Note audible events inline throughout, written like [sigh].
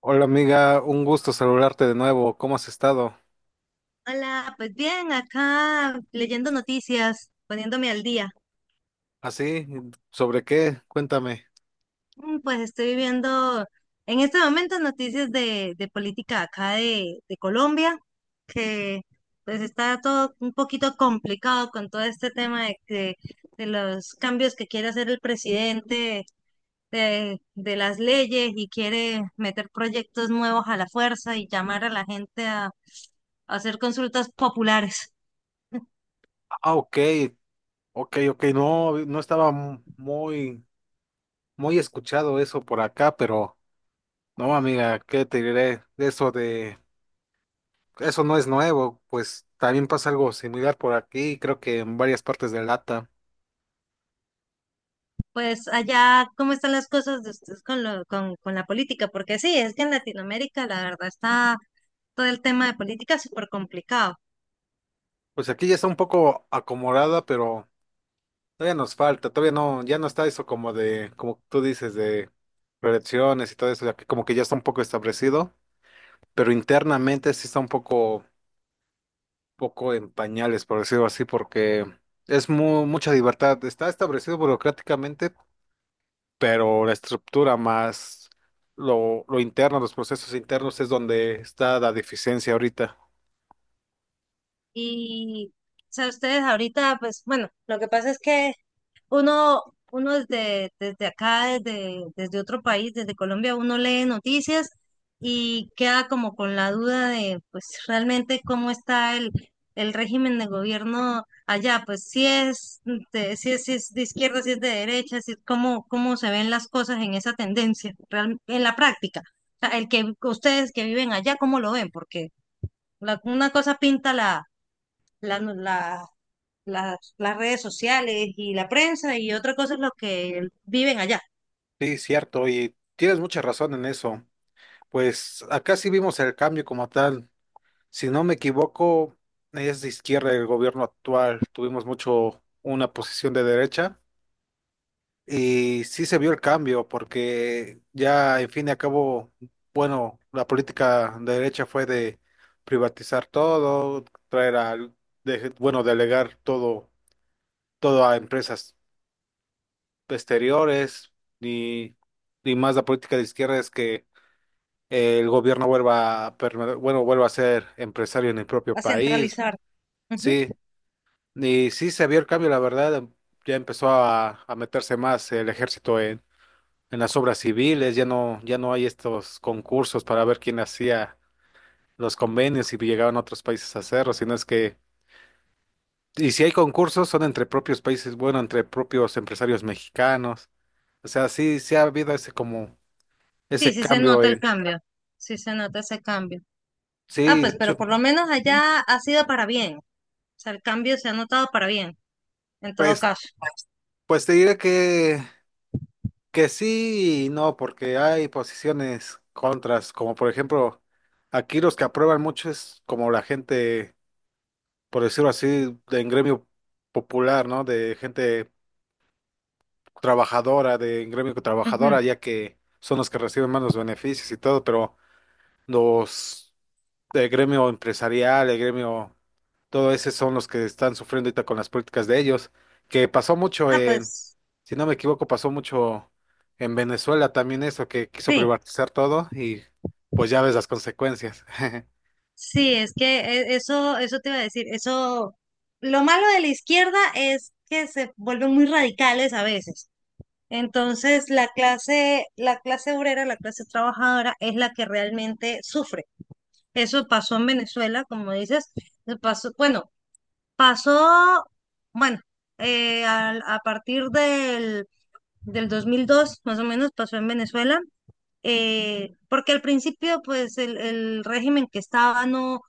Hola amiga, un gusto saludarte de nuevo. ¿Cómo has estado? Hola, pues bien, acá leyendo noticias, poniéndome al día. ¿Así? ¿Sobre qué? Cuéntame. Pues estoy viendo en este momento noticias de política acá de Colombia, que pues está todo un poquito complicado con todo este tema de, de los cambios que quiere hacer el presidente, de las leyes y quiere meter proyectos nuevos a la fuerza y llamar a la gente a hacer consultas populares. Ah, ok, ok. No estaba muy, muy escuchado eso por acá, pero no, amiga, ¿qué te diré? Eso no es nuevo, pues también pasa algo similar por aquí, creo que en varias partes de Lata. Pues allá, ¿cómo están las cosas de ustedes con lo, con la política? Porque sí, es que en Latinoamérica la verdad está todo el tema de política súper complicado. Pues aquí ya está un poco acomodada, pero todavía nos falta, todavía no, ya no está eso como de, como tú dices, de reelecciones y todo eso, ya que como que ya está un poco establecido. Pero internamente sí está un poco, poco en pañales, por decirlo así, porque es mucha libertad. Está establecido burocráticamente, pero la estructura más lo interno, los procesos internos es donde está la deficiencia ahorita. Y, o sea, ustedes ahorita, pues bueno, lo que pasa es que Uno, uno desde, desde acá, desde, desde otro país, desde Colombia, uno lee noticias y queda como con la duda de, pues, realmente cómo está el régimen de gobierno allá, pues, si es de, si es, si es de izquierda, si es de derecha, si es cómo, cómo se ven las cosas en esa tendencia, en la práctica. O sea, el que ustedes que viven allá, ¿cómo lo ven? Porque una cosa pinta la, la, las redes sociales y la prensa y otra cosa es lo que viven allá, Sí, cierto, y tienes mucha razón en eso. Pues acá sí vimos el cambio como tal. Si no me equivoco, es de izquierda el gobierno actual. Tuvimos mucho una posición de derecha y sí se vio el cambio porque ya, en fin y al cabo, bueno, la política de derecha fue de privatizar todo, traer a, de- bueno, delegar todo, todo a empresas exteriores y, y más la política de izquierda es que el gobierno vuelva a ser empresario en el propio a país. centralizar. Ujú. Sí, y sí se vio el cambio, la verdad, ya empezó a meterse más el ejército en las obras civiles, ya no, ya no hay estos concursos para ver quién hacía los convenios y llegaban a otros países a hacerlo, sino es que, y si hay concursos son entre propios países, bueno, entre propios empresarios mexicanos. O sea, sí, sí ha habido ese como, Sí, ese sí se cambio nota el en, cambio, sí se nota ese cambio. Ah, sí, pues, de pero hecho. por lo menos ¿Mm? allá ha sido para bien, o sea, el cambio se ha notado para bien, en todo Pues, caso. pues te diré que sí y no, porque hay posiciones contras, como por ejemplo, aquí los que aprueban mucho es como la gente, por decirlo así, de en gremio popular, ¿no? De gente trabajadora, de en gremio trabajadora, Ujú. ya que son los que reciben más los beneficios y todo, pero los el gremio empresarial, el gremio, todo ese son los que están sufriendo ahorita con las políticas de ellos, que pasó mucho Ah, en, pues, si no me equivoco, pasó mucho en Venezuela también eso, que quiso sí, privatizar todo y pues ya ves las consecuencias. [laughs] sí, es que eso, eso te iba a decir, eso, lo malo de la izquierda es que se vuelven muy radicales a veces. Entonces, la clase obrera, la clase trabajadora es la que realmente sufre. Eso pasó en Venezuela, como dices, eso pasó, bueno, partir del 2002, más o menos, pasó en Venezuela, porque al principio, pues, el régimen que estaba no, o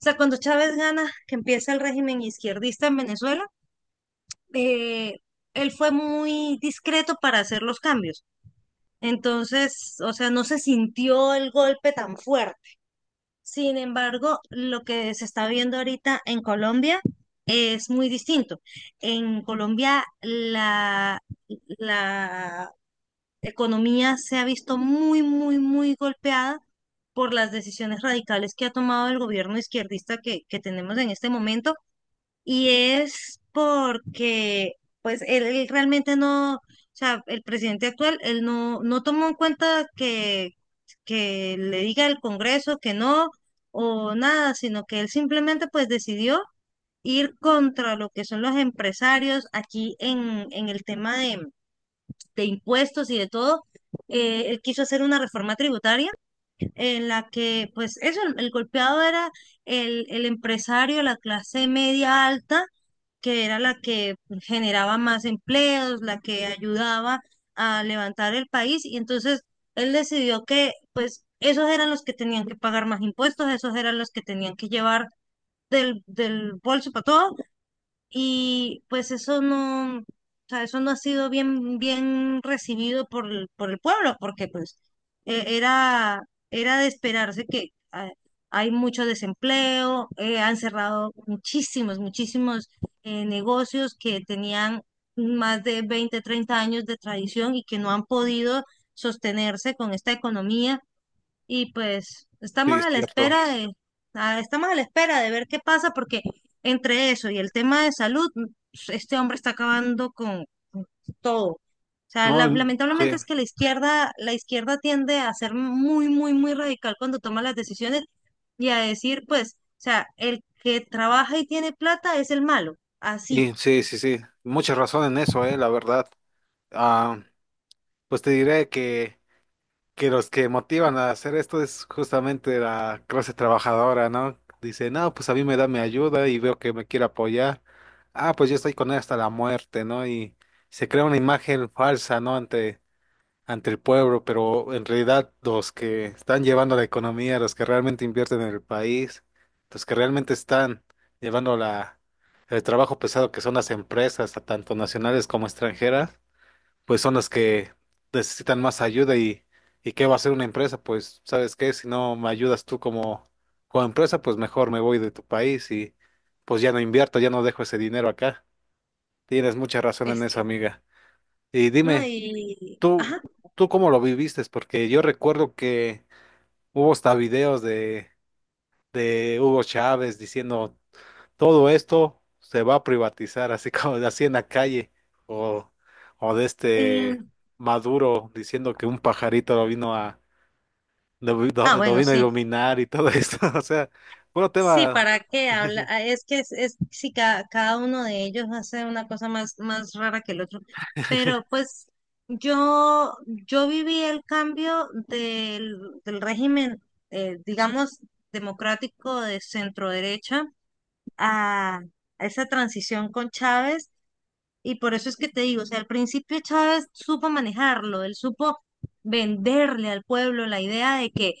sea, cuando Chávez gana, que empieza el régimen izquierdista en Venezuela, eh, él fue muy discreto para hacer los cambios. Entonces, o sea, no se sintió el golpe tan fuerte. Sin embargo, lo que se está viendo ahorita en Colombia es muy distinto. En Colombia la economía se ha visto muy, muy, muy golpeada por las decisiones radicales que ha tomado el gobierno izquierdista que tenemos en este momento y es porque, pues, él realmente no, o sea, el presidente actual, él no, no tomó en cuenta que le diga al Congreso que no o nada, sino que él simplemente, pues, decidió ir contra lo que son los empresarios aquí en el tema de impuestos y de todo. Él quiso hacer una reforma tributaria en la que, pues eso, el golpeado era el empresario, la clase media alta, que era la que generaba más empleos, la que ayudaba a levantar el país, y entonces él decidió que, pues, esos eran los que tenían que pagar más impuestos, esos eran los que tenían que llevar del bolso para todo, y pues eso no, o sea, eso no ha sido bien, bien recibido por, por el pueblo, porque pues e- era, era de esperarse que hay mucho desempleo, han cerrado muchísimos negocios que tenían más de 20 o 30 años de tradición y que no han podido sostenerse con esta economía y pues Sí, estamos es a la cierto. espera de, estamos a la espera de ver qué pasa, porque entre eso y el tema de salud, este hombre está acabando con todo. O sea, No, sí, lamentablemente es que la izquierda tiende a ser muy, muy, muy radical cuando toma las decisiones y a decir, pues, o sea, el que trabaja y tiene plata es el malo. Así y sí, sí, sí, mucha razón en eso, la verdad. Ah, pues te diré que los que motivan a hacer esto es justamente la clase trabajadora, ¿no? Dice, no, pues a mí me da mi ayuda y veo que me quiere apoyar. Ah, pues yo estoy con él hasta la muerte, ¿no? Y se crea una imagen falsa, ¿no? Ante el pueblo, pero en realidad los que están llevando la economía, los que realmente invierten en el país, los que realmente están llevando el trabajo pesado que son las empresas, tanto nacionales como extranjeras, pues son las que necesitan más ayuda y qué va a hacer una empresa, pues sabes qué, si no me ayudas tú como, como empresa, pues mejor me voy de tu país y pues ya no invierto, ya no dejo ese dinero acá. Tienes mucha razón en es eso, que, amiga. Y ¿no? dime, Y, ¿tú, ajá. ¿tú cómo lo viviste? Porque yo recuerdo que hubo hasta videos de Hugo Chávez diciendo todo esto se va a privatizar, así [laughs] como así en la calle, o, o de este Y, Maduro diciendo que un pajarito lo vino a, lo, vi- ah, lo bueno, vino a sí. iluminar y todo esto, [laughs] o sea, bueno Sí, tema, ¿para qué habla? [laughs] Ah, es que es si cada uno de ellos hace una cosa más, más rara que el otro. Pero pues yo viví el cambio del régimen, digamos, democrático de centro derecha a, a esa transición con Chávez. Y por eso es que te digo, o sea, al principio Chávez supo manejarlo, él supo venderle al pueblo la idea de que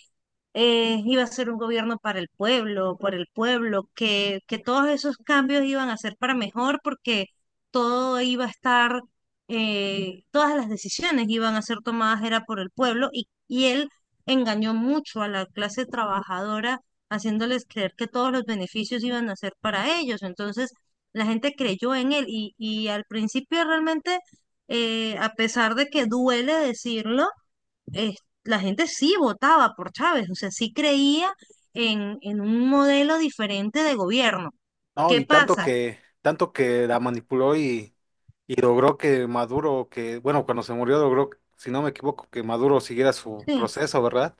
iba a ser un gobierno para el pueblo, por el pueblo, que todos esos cambios iban a ser para mejor porque todo iba a estar, todas las decisiones iban a ser tomadas era por el pueblo y él engañó mucho a la clase trabajadora haciéndoles creer que todos los beneficios iban a ser para ellos. Entonces la gente creyó en él y al principio realmente, a pesar de que duele decirlo, eh, la gente sí votaba por Chávez, o sea, sí creía en un modelo diferente de gobierno. no, ¿Qué y pasa? Tanto que la manipuló y logró que Maduro, que, bueno, cuando se murió logró, si no me equivoco, que Maduro siguiera su Sí. proceso, ¿verdad?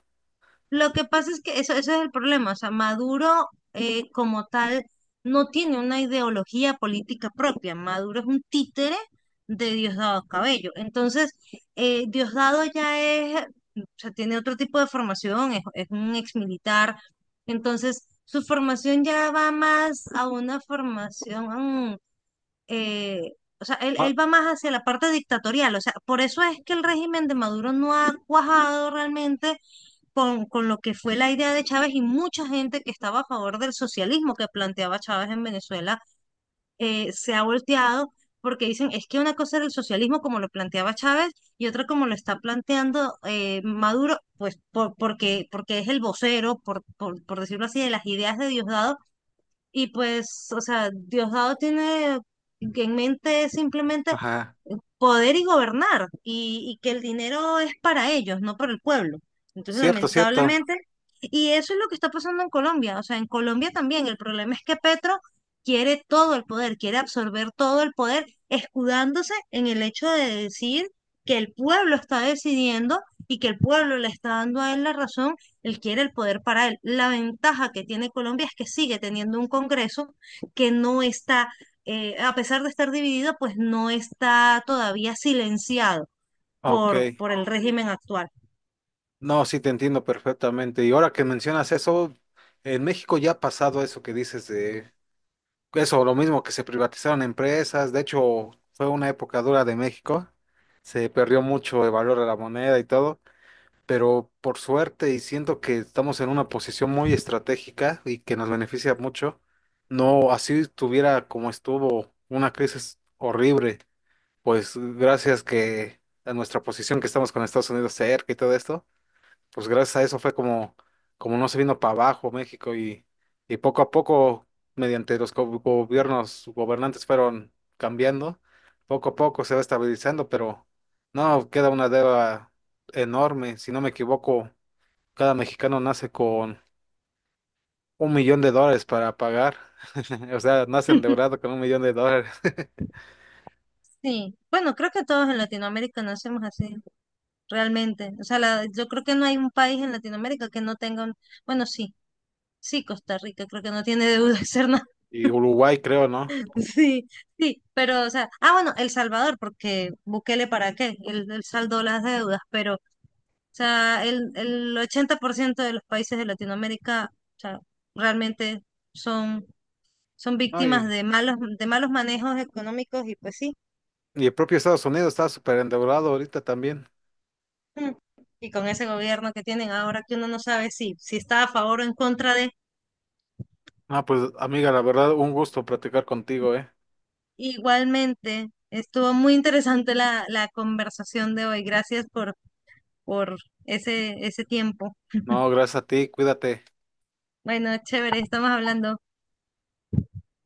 Lo que pasa es que eso es el problema, o sea, Maduro como tal no tiene una ideología política propia, Maduro es un títere de Diosdado Cabello, entonces Diosdado ya es, o sea, tiene otro tipo de formación, es un exmilitar, entonces su formación ya va más a una formación eh, o sea, Ah, él va más hacia la parte dictatorial, o sea, por eso es que el régimen de Maduro no ha cuajado realmente con lo que fue la idea de Chávez y mucha gente que estaba a favor del socialismo que planteaba Chávez en Venezuela se ha volteado porque dicen, es que una cosa era el socialismo como lo planteaba Chávez y otra como lo está planteando Maduro, pues por, porque, porque es el vocero, por decirlo así, de las ideas de Diosdado y pues, o sea, Diosdado tiene en mente simplemente ajá, poder y gobernar y que el dinero es para ellos, no para el pueblo. Entonces, cierto, cierto, lamentablemente, y eso es lo que está pasando en Colombia. O sea, en Colombia también el problema es que Petro quiere todo el poder, quiere absorber todo el poder, escudándose en el hecho de decir que el pueblo está decidiendo y que el pueblo le está dando a él la razón, él quiere el poder para él. La ventaja que tiene Colombia es que sigue teniendo un Congreso que no está a pesar de estar dividida, pues no está todavía silenciado ok. Por el régimen actual. No, sí te entiendo perfectamente. Y ahora que mencionas eso, en México ya ha pasado eso que dices de eso, lo mismo que se privatizaron empresas. De hecho, fue una época dura de México. Se perdió mucho el valor de la moneda y todo. Pero por suerte, y siento que estamos en una posición muy estratégica y que nos beneficia mucho, no así tuviera como estuvo una crisis horrible. Pues gracias que a nuestra posición que estamos con Estados Unidos cerca y todo esto pues gracias a eso fue como, como no se vino para abajo México y poco a poco, mediante los gobiernos gobernantes fueron cambiando, poco a poco se va estabilizando, pero no, queda una deuda enorme, si no me equivoco, cada mexicano nace con $1,000,000 para pagar, [laughs] o sea, nace [laughs] endeudado con $1,000,000, [laughs] Sí, bueno, creo que todos en Latinoamérica nacemos así, realmente. O sea, yo creo que no hay un país en Latinoamérica que no tenga un... Bueno, sí, sí, Costa Rica creo que no tiene deuda externa. y Uruguay creo, ¿no? [laughs] Sí, sí, pero, o sea, ah, bueno, El Salvador, porque Bukele para qué, él saldó las deudas, pero, o sea, el 80% de los países de Latinoamérica, o sea, realmente son No, víctimas de malos manejos económicos y pues sí, y el propio Estados Unidos está súper endeudado ahorita también. mm, y con ese gobierno que tienen ahora que uno no sabe si, si está a favor o en contra de, Ah, pues amiga, la verdad, un gusto platicar contigo, ¿eh? igualmente estuvo muy interesante la conversación de hoy. Gracias por ese, ese tiempo. No, gracias a ti, cuídate. Bueno, chévere, estamos hablando.